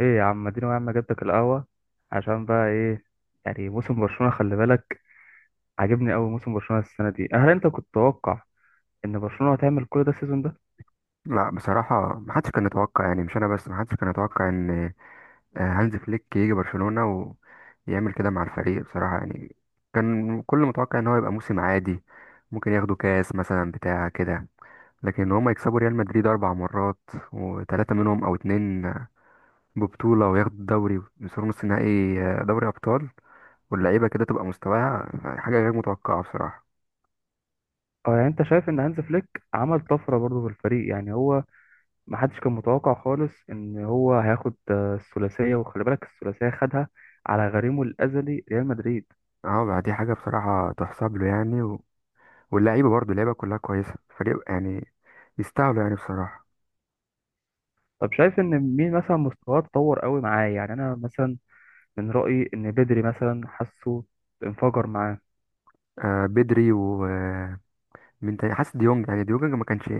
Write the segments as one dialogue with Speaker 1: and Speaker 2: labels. Speaker 1: ايه يا عم، اديني يا عم. جبتك القهوة عشان بقى ايه؟ يعني موسم برشلونة، خلي بالك. عاجبني قوي موسم برشلونة السنة دي. هل انت كنت تتوقع ان برشلونة هتعمل كل ده السيزون ده؟
Speaker 2: لا بصراحة محدش كان يتوقع، يعني مش أنا بس، محدش كان يتوقع إن هانز فليك يجي برشلونة ويعمل كده مع الفريق بصراحة، يعني كان كل متوقع إن هو يبقى موسم عادي. ممكن ياخدوا كاس مثلا بتاع كده، لكن هما يكسبوا ريال مدريد 4 مرات، وتلاتة منهم أو اتنين ببطولة، وياخدوا الدوري ويوصلوا نص نهائي، دوري أبطال. واللعيبة كده تبقى مستواها حاجة غير متوقعة بصراحة.
Speaker 1: اه، يعني انت شايف ان هانز فليك عمل طفرة برضه في الفريق؟ يعني هو ما حدش كان متوقع خالص ان هو هياخد الثلاثية، وخلي بالك الثلاثية خدها على غريمه الازلي ريال مدريد.
Speaker 2: اه، دي حاجة بصراحة تحسب له يعني. واللعيبه برضو اللعيبه كلها كويسه، فريق يعني يستاهلوا يعني بصراحه.
Speaker 1: طب شايف ان مين مثلا مستواه اتطور قوي معاه؟ يعني انا مثلا من رأيي ان بدري مثلا حاسه انفجر معاه.
Speaker 2: آه، بدري ومين تاني؟ حاسس ديونج، يعني ديونج ما كانش،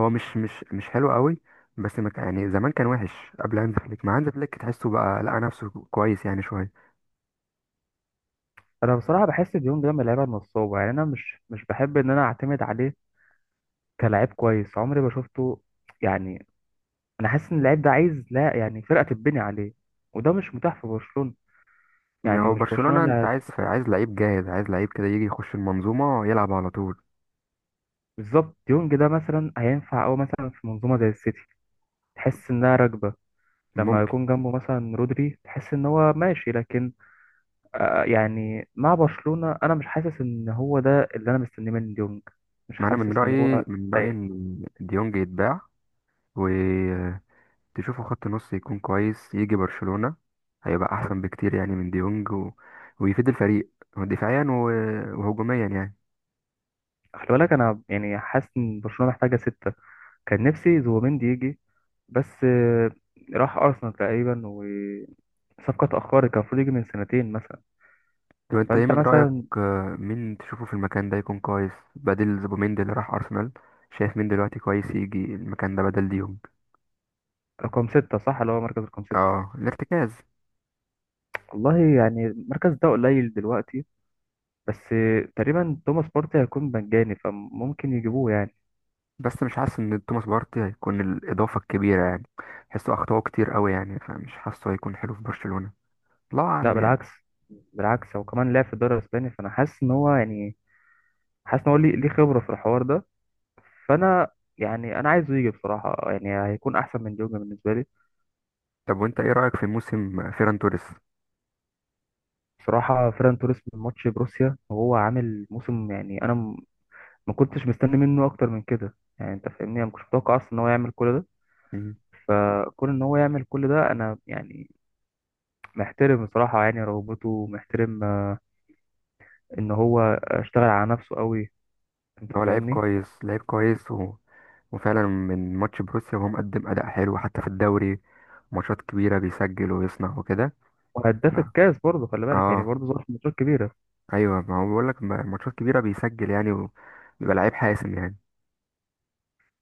Speaker 2: هو مش حلو قوي، بس ما كان يعني، زمان كان وحش قبل هانز فليك، مع هانز فليك تحسه بقى لقى نفسه كويس يعني شويه.
Speaker 1: انا بصراحه بحس ديونج ده من اللعيبه النصابه، يعني انا مش بحب ان انا اعتمد عليه كلاعب كويس، عمري ما شفته يعني. انا حاسس ان اللعيب ده عايز، لا يعني، فرقه تتبني عليه، وده مش متاح في برشلونه.
Speaker 2: إن
Speaker 1: يعني
Speaker 2: هو
Speaker 1: مش برشلونه
Speaker 2: برشلونه،
Speaker 1: اللي
Speaker 2: انت عايز لعيب جاهز، عايز لعيب كده يجي يخش المنظومه يلعب على طول.
Speaker 1: بالظبط. ديونج ده مثلا هينفع او مثلا في منظومه زي السيتي، تحس انها راكبه. لما
Speaker 2: ممكن.
Speaker 1: يكون جنبه مثلا رودري تحس ان هو ماشي، لكن يعني مع برشلونه انا مش حاسس ان هو ده اللي انا مستنيه من ديونج، مش
Speaker 2: مع انا من
Speaker 1: حاسس ان هو.
Speaker 2: رايي من رايي ان ديونج يتباع، و تشوفوا خط نص يكون كويس يجي برشلونة، هيبقى احسن بكتير يعني من ديونج ويفيد الفريق دفاعيا وهجوميا يعني.
Speaker 1: خلي بالك انا يعني حاسس ان برشلونه محتاجه سته. كان نفسي زوبيمندي يجي، بس راح ارسنال تقريبا، وصفقه اتاخرت. كان المفروض يجي من سنتين مثلا.
Speaker 2: طب انت ايه
Speaker 1: فانت
Speaker 2: من رأيك؟
Speaker 1: مثلا
Speaker 2: مين تشوفه في المكان ده يكون كويس بدل زوبيميندي اللي راح ارسنال؟ شايف مين دلوقتي كويس يجي المكان ده بدل ديونج؟
Speaker 1: رقم سته، صح؟ اللي هو مركز رقم سته.
Speaker 2: اه، الارتكاز.
Speaker 1: والله يعني المركز ده قليل دلوقتي، بس تقريبا توماس بارتي هيكون مجاني فممكن يجيبوه يعني.
Speaker 2: بس مش حاسس ان توماس بارتي هيكون الاضافة الكبيرة يعني، حسه اخطاؤه كتير قوي يعني، فمش حاسه هيكون حلو في برشلونة، الله
Speaker 1: لا،
Speaker 2: اعلم يعني.
Speaker 1: بالعكس، بالعكس. هو كمان لعب في الدوري الاسباني، فانا حاسس ان هو يعني حاسس ان هو ليه خبره في الحوار ده. فانا يعني انا عايزه يجي بصراحه، يعني هيكون احسن من ديونج بالنسبه لي.
Speaker 2: طب وانت ايه رأيك في موسم فيران توريس؟
Speaker 1: بصراحه فيران توريس من ماتش بروسيا وهو عامل موسم، يعني انا ما كنتش مستني منه اكتر من كده يعني، انت فاهمني، انا ما كنتش متوقع اصلا ان هو يعمل كل ده. كون ان هو يعمل كل ده انا يعني محترم بصراحه، يعني رغبته، ومحترم ان هو اشتغل على نفسه قوي، انت
Speaker 2: هو لعيب
Speaker 1: فاهمني.
Speaker 2: كويس، لعيب كويس، وفعلا من ماتش بروسيا وهو مقدم أداء حلو حتى في الدوري، ماتشات كبيرة بيسجل ويصنع وكده. ف-
Speaker 1: وهداف الكاس برضه، خلي بالك، يعني
Speaker 2: اه،
Speaker 1: برضه ظهر في ماتشات كبيره.
Speaker 2: ايوه، ما هو بقول لك ماتشات كبيرة بيسجل يعني، وبيبقى لعيب حاسم يعني.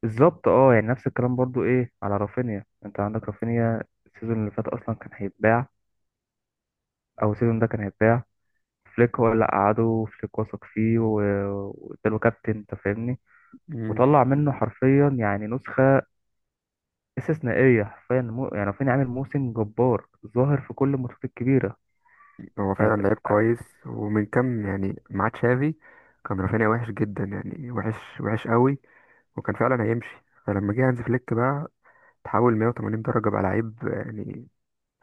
Speaker 1: بالظبط، اه يعني نفس الكلام برضه ايه على رافينيا. انت عندك رافينيا السيزون اللي فات اصلا كان هيتباع، او سيزون ده كان هيتباع. فليك هو اللي قعده، وفليك وثق فيه و- واداله كابتن، انت فاهمني.
Speaker 2: مم.
Speaker 1: وطلع منه حرفيا يعني نسخه استثنائيه، حرفيا مو يعني، فين عامل موسم جبار، ظاهر في كل الماتشات الكبيره.
Speaker 2: هو
Speaker 1: يعني
Speaker 2: فعلا لعيب كويس. ومن كام يعني مع تشافي، كان رافينيا وحش جدا، يعني وحش، وحش قوي، وكان فعلا هيمشي، فلما جه هانز فليك بقى، تحول 180 درجة، بقى لعيب يعني،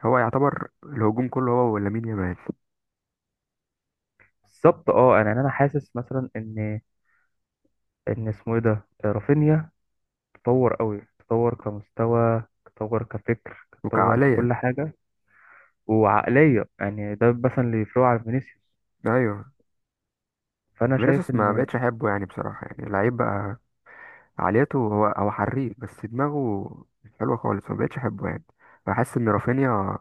Speaker 2: هو يعتبر الهجوم كله هو ولامين يامال.
Speaker 1: بالظبط، اه يعني انا حاسس مثلا ان اسمه ايه ده، رافينيا، تطور قوي. تطور كمستوى، تطور كفكر، تطور
Speaker 2: وكعقلية،
Speaker 1: ككل حاجه وعقليه. يعني ده مثلا اللي يفرقه عن فينيسيوس،
Speaker 2: ايوه.
Speaker 1: فانا شايف
Speaker 2: فينيسيوس ما
Speaker 1: ان
Speaker 2: بقتش احبه يعني، بصراحه يعني، لعيب بقى عاليته، هو هو حريف، بس دماغه مش حلوه خالص، ما بقتش احبه يعني. بحس ان رافينيا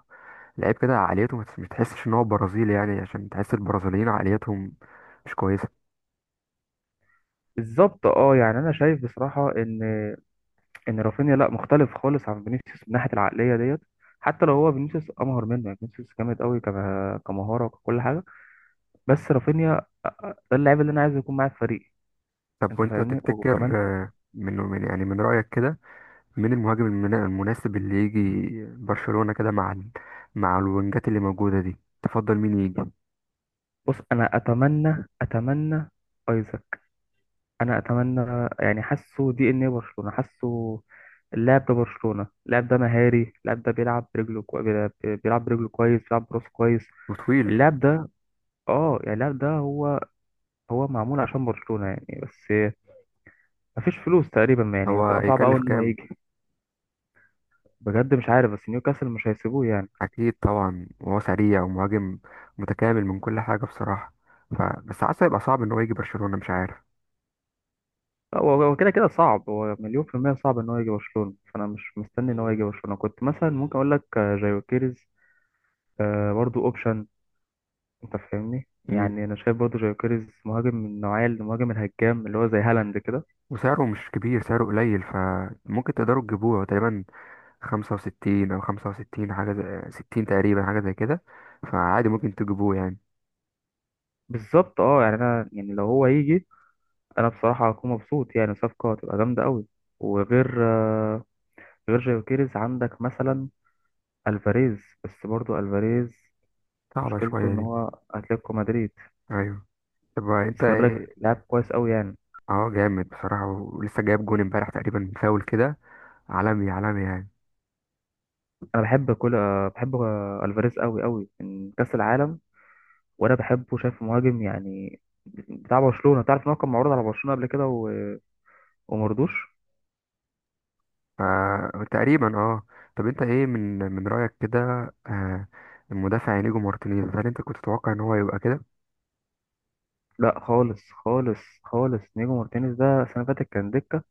Speaker 2: لعيب كده عاليته، ما تحسش ان هو برازيلي، يعني عشان تحس البرازيليين عاليتهم مش كويسه.
Speaker 1: بالظبط. اه يعني انا شايف بصراحه ان رافينيا لا، مختلف خالص عن فينيسيوس من ناحيه العقليه ديت. حتى لو هو فينيسيوس امهر منه، يعني فينيسيوس جامد قوي كمهاره وكل حاجه. بس رافينيا ده اللاعب اللي انا عايز يكون معايا في فريقي،
Speaker 2: طب
Speaker 1: انت
Speaker 2: وانت
Speaker 1: فاهمني،
Speaker 2: تفتكر،
Speaker 1: وكمان.
Speaker 2: من يعني من رايك كده، مين المهاجم المناسب اللي يجي برشلونه كده مع مع الوينجات اللي موجوده دي؟ تفضل مين يجي؟
Speaker 1: بص، انا اتمنى ايزاك. انا اتمنى، يعني حاسه دي ان ايه، برشلونه حاسه. اللاعب ده برشلونه، اللاعب ده مهاري، اللاعب ده بيلعب برجله بيلعب برجله كويس، بيلعب براسه كويس.
Speaker 2: وطويل.
Speaker 1: اللاعب ده، اه يعني اللاعب ده، هو معمول عشان برشلونه يعني. بس مفيش فلوس تقريبا يعني،
Speaker 2: هو
Speaker 1: هتبقى صعب
Speaker 2: يكلف
Speaker 1: قوي ان هو
Speaker 2: كام؟
Speaker 1: يجي. بجد مش عارف، بس نيوكاسل مش هيسيبوه يعني.
Speaker 2: اكيد طبعا، وهو سريع ومهاجم متكامل من كل حاجه بصراحه، ف بس حاسه هيبقى صعب ان هو يجي برشلونه، مش عارف.
Speaker 1: لا هو كده كده صعب. هو مليون في المية صعب ان هو يجي برشلونة، فانا مش مستني ان هو يجي برشلونة. كنت مثلا ممكن اقول لك جايو كيريز برضو اوبشن. انت فاهمني،
Speaker 2: مم.
Speaker 1: يعني انا شايف برضو جايو كيريز مهاجم من النوعية، المهاجم الهجام اللي هو زي هالاند كده.
Speaker 2: وسعره مش كبير، سعره قليل، فممكن تقدروا تجيبوه، هو تقريبا 65 أو 65، حاجة زي 60 تقريبا، حاجة زي كده، فعادي ممكن تجيبوه يعني.
Speaker 1: بالظبط، اه يعني انا يعني لو هو يجي، انا بصراحة هكون مبسوط، يعني صفقة هتبقى جامدة قوي. وغير غير جايو كيريز، عندك مثلا الفاريز. بس برضو الفاريز
Speaker 2: صعبة
Speaker 1: مشكلته
Speaker 2: شوية
Speaker 1: ان
Speaker 2: دي.
Speaker 1: هو اتلتيكو مدريد.
Speaker 2: أيوة. طب
Speaker 1: بس
Speaker 2: أنت
Speaker 1: خلي بالك، تمام،
Speaker 2: إيه؟
Speaker 1: لعب كويس قوي يعني.
Speaker 2: اه، جامد بصراحة، ولسه جايب جون امبارح تقريبا من فاول كده، عالمي عالمي يعني.
Speaker 1: انا بحب كل آه، بحب آه، الفاريز قوي قوي من كاس العالم. وانا بحبه، شايف مهاجم يعني بتاع برشلونه. تعرف ان هو كان معروض على برشلونه قبل كده ومرضوش.
Speaker 2: فتقريبا اه. طب انت ايه من رأيك كده، آه، المدافع انيجو مارتينيز، هل انت كنت تتوقع ان هو يبقى كده؟
Speaker 1: لا خالص خالص خالص، نيجو مارتينيز ده السنه اللي فاتت كان دكه.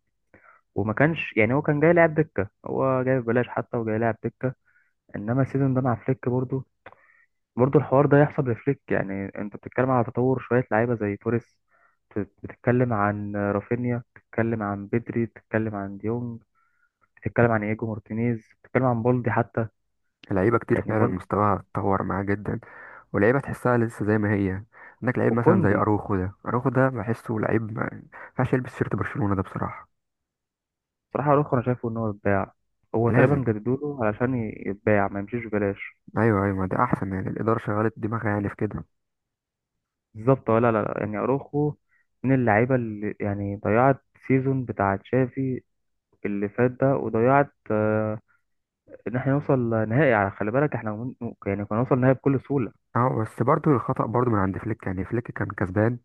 Speaker 1: وما كانش يعني، هو كان جاي لاعب دكه، هو جاي ببلاش حتى وجاي لاعب دكه. انما السيزون ده مع فليك برضه الحوار ده يحصل بفليك. يعني انت بتتكلم على تطور شوية لعيبة زي توريس، بتتكلم عن رافينيا، بتتكلم عن بدري، بتتكلم عن ديونج، بتتكلم عن ايجو مارتينيز، بتتكلم عن بالدي حتى.
Speaker 2: لعيبه كتير
Speaker 1: يعني
Speaker 2: فعلا مستواها اتطور معاه جدا، ولعيبه تحسها لسه زي ما هي. عندك لعيب مثلا زي
Speaker 1: وكوندي.
Speaker 2: اروخو ده، اروخو ده بحسه لعيب ما ينفعش يلبس شيرت برشلونة ده بصراحة.
Speaker 1: بصراحة اروخو انا شايفه ان هو يتباع، هو تقريبا
Speaker 2: لازم.
Speaker 1: جددوا له علشان يتباع، ما يمشيش ببلاش.
Speaker 2: ايوه، ايوه، ما ده احسن يعني، الاداره شغلت دماغها يعني في كده.
Speaker 1: بالظبط، ولا لا لا، يعني اروخو من اللعيبة اللي يعني ضيعت سيزون بتاع تشافي اللي فات ده، وضيعت ان احنا نوصل نهائي. على خلي بالك احنا ممكن يعني كنا نوصل نهائي بكل سهوله.
Speaker 2: اه، بس برضو الخطأ برضو من عند فليك يعني، فليك كان كسبان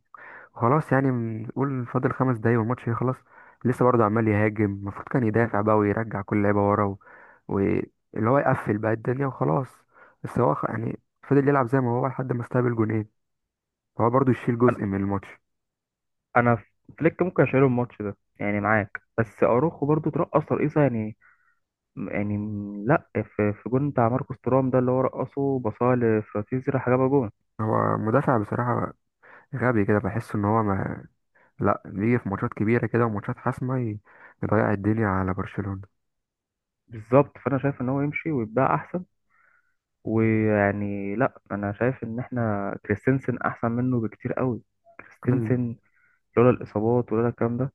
Speaker 2: خلاص يعني، نقول فاضل 5 دقايق والماتش يخلص، لسه برضه عمال يهاجم، المفروض كان يدافع بقى ويرجع كل لعيبه ورا، واللي هو يقفل بقى الدنيا وخلاص. بس هو يعني فضل يلعب زي ما هو لحد ما استقبل جونين، فهو برضه يشيل
Speaker 1: انا
Speaker 2: جزء من الماتش.
Speaker 1: انا فليك ممكن اشيله الماتش ده يعني، معاك، بس اروخو برضو ترقص ترقيصه يعني. يعني لا، في جون بتاع ماركوس تورام ده اللي هو رقصه بصاله لفراتيزي راح جابها جون.
Speaker 2: هو مدافع بصراحة غبي كده، بحس ان هو ما، لا، بيجي في ماتشات كبيرة كده وماتشات حاسمة يضيع الدنيا على برشلونة.
Speaker 1: بالظبط، فانا شايف ان هو يمشي ويتباع احسن. ويعني لا، انا شايف ان احنا كريستنسن احسن منه بكتير قوي. كريستنسن لولا الاصابات، ولولا الكلام ده،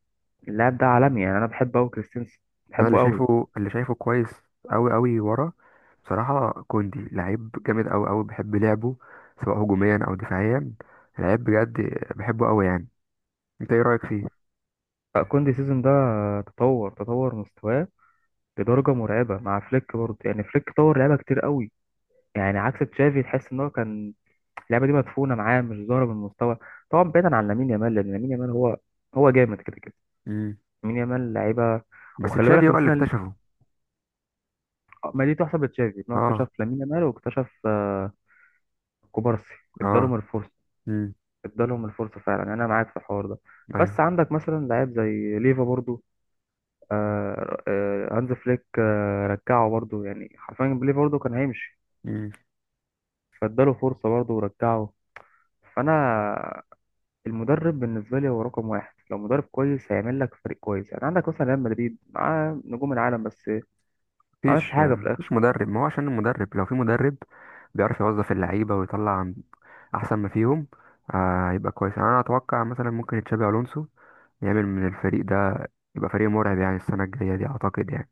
Speaker 1: اللاعب ده عالمي يعني، انا بحبه قوي كريستنسن،
Speaker 2: انا اللي
Speaker 1: بحبه قوي.
Speaker 2: شايفه اللي شايفه كويس قوي قوي ورا، بصراحه كوندي لعيب جامد قوي قوي، بحب لعبه سواء هجوميا او دفاعيا، لعيب بجد، بحبه قوي يعني. انت ايه رايك فيه؟
Speaker 1: كوندي السيزون ده تطور مستواه لدرجة مرعبة مع فليك برضه، يعني فليك طور لعيبة كتير قوي. يعني عكس تشافي، تحس ان هو كان اللعبة دي مدفونة معاه، مش ظاهرة بالمستوى. طبعا بعيدا عن لامين يامال، لان لامين يامال هو جامد كده كده.
Speaker 2: امم
Speaker 1: لامين يامال لعيبة،
Speaker 2: بس
Speaker 1: وخلي
Speaker 2: تشافي
Speaker 1: بالك،
Speaker 2: هو اللي
Speaker 1: نسينا،
Speaker 2: اكتشفه.
Speaker 1: ما دي تحسب لتشافي ان هو
Speaker 2: اه.
Speaker 1: اكتشف لامين يامال واكتشف كوبارسي.
Speaker 2: اه.
Speaker 1: ادالهم الفرصة،
Speaker 2: امم.
Speaker 1: فعلا يعني، انا معاك في الحوار ده. بس
Speaker 2: ايوه.
Speaker 1: عندك مثلا لعيب زي ليفا برضه. هانز فليك رجعه برضه يعني حرفيا، بيليه برضه كان هيمشي،
Speaker 2: امم.
Speaker 1: فاداله فرصة برضه ورجعه. فأنا المدرب بالنسبة لي هو رقم واحد. لو مدرب كويس هيعمل لك فريق كويس، يعني عندك مثلا ريال مدريد معاه نجوم العالم بس ما عملش
Speaker 2: مفيش
Speaker 1: حاجة في
Speaker 2: مفيش
Speaker 1: الآخر.
Speaker 2: مدرب، ما هو عشان المدرب، لو في مدرب بيعرف يوظف اللعيبه ويطلع عن احسن ما فيهم. آه يبقى كويس يعني، انا اتوقع مثلا ممكن تشابي الونسو يعمل من الفريق ده، يبقى فريق مرعب يعني السنه الجايه دي اعتقد يعني.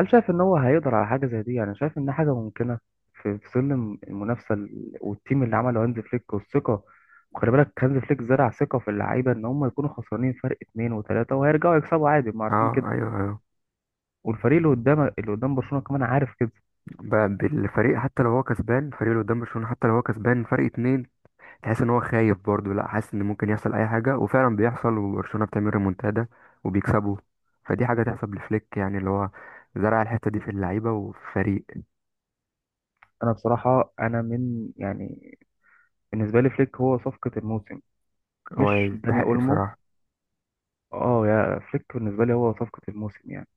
Speaker 1: هل شايف إن هو هيقدر على حاجة زي دي؟ يعني شايف إن حاجة ممكنة في ظل المنافسة، والتيم اللي عمله هانز فليك والثقة. وخلي بالك هانز فليك زرع ثقة في اللعيبة إن هم يكونوا خسرانين فرق 2 و3 وهيرجعوا يكسبوا عادي، ما عارفين
Speaker 2: اه،
Speaker 1: كده.
Speaker 2: ايوه، ايوه.
Speaker 1: والفريق اللي قدام، اللي قدام برشلونة كمان عارف كده.
Speaker 2: بقى بالفريق حتى لو هو كسبان، فريق اللي قدام برشلونة حتى لو هو كسبان فرق اتنين، تحس ان هو خايف برضه، لا حاسس ان ممكن يحصل اي حاجة، وفعلا بيحصل وبرشلونة بتعمل ريمونتادا وبيكسبوا. فدي حاجة تحسب لفليك يعني، اللي هو زرع الحتة دي في اللعيبة وفريق.
Speaker 1: انا بصراحة انا من يعني، بالنسبة لي فليك هو صفقة الموسم،
Speaker 2: هو
Speaker 1: مش داني
Speaker 2: يستحق
Speaker 1: اولمو.
Speaker 2: بصراحة.
Speaker 1: اه، يا فليك بالنسبة لي هو صفقة الموسم يعني.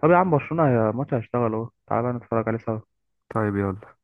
Speaker 1: طب يا عم برشلونة، يا ماتش هيشتغل اهو، تعالى بقى نتفرج عليه سوا.
Speaker 2: طيب يلا.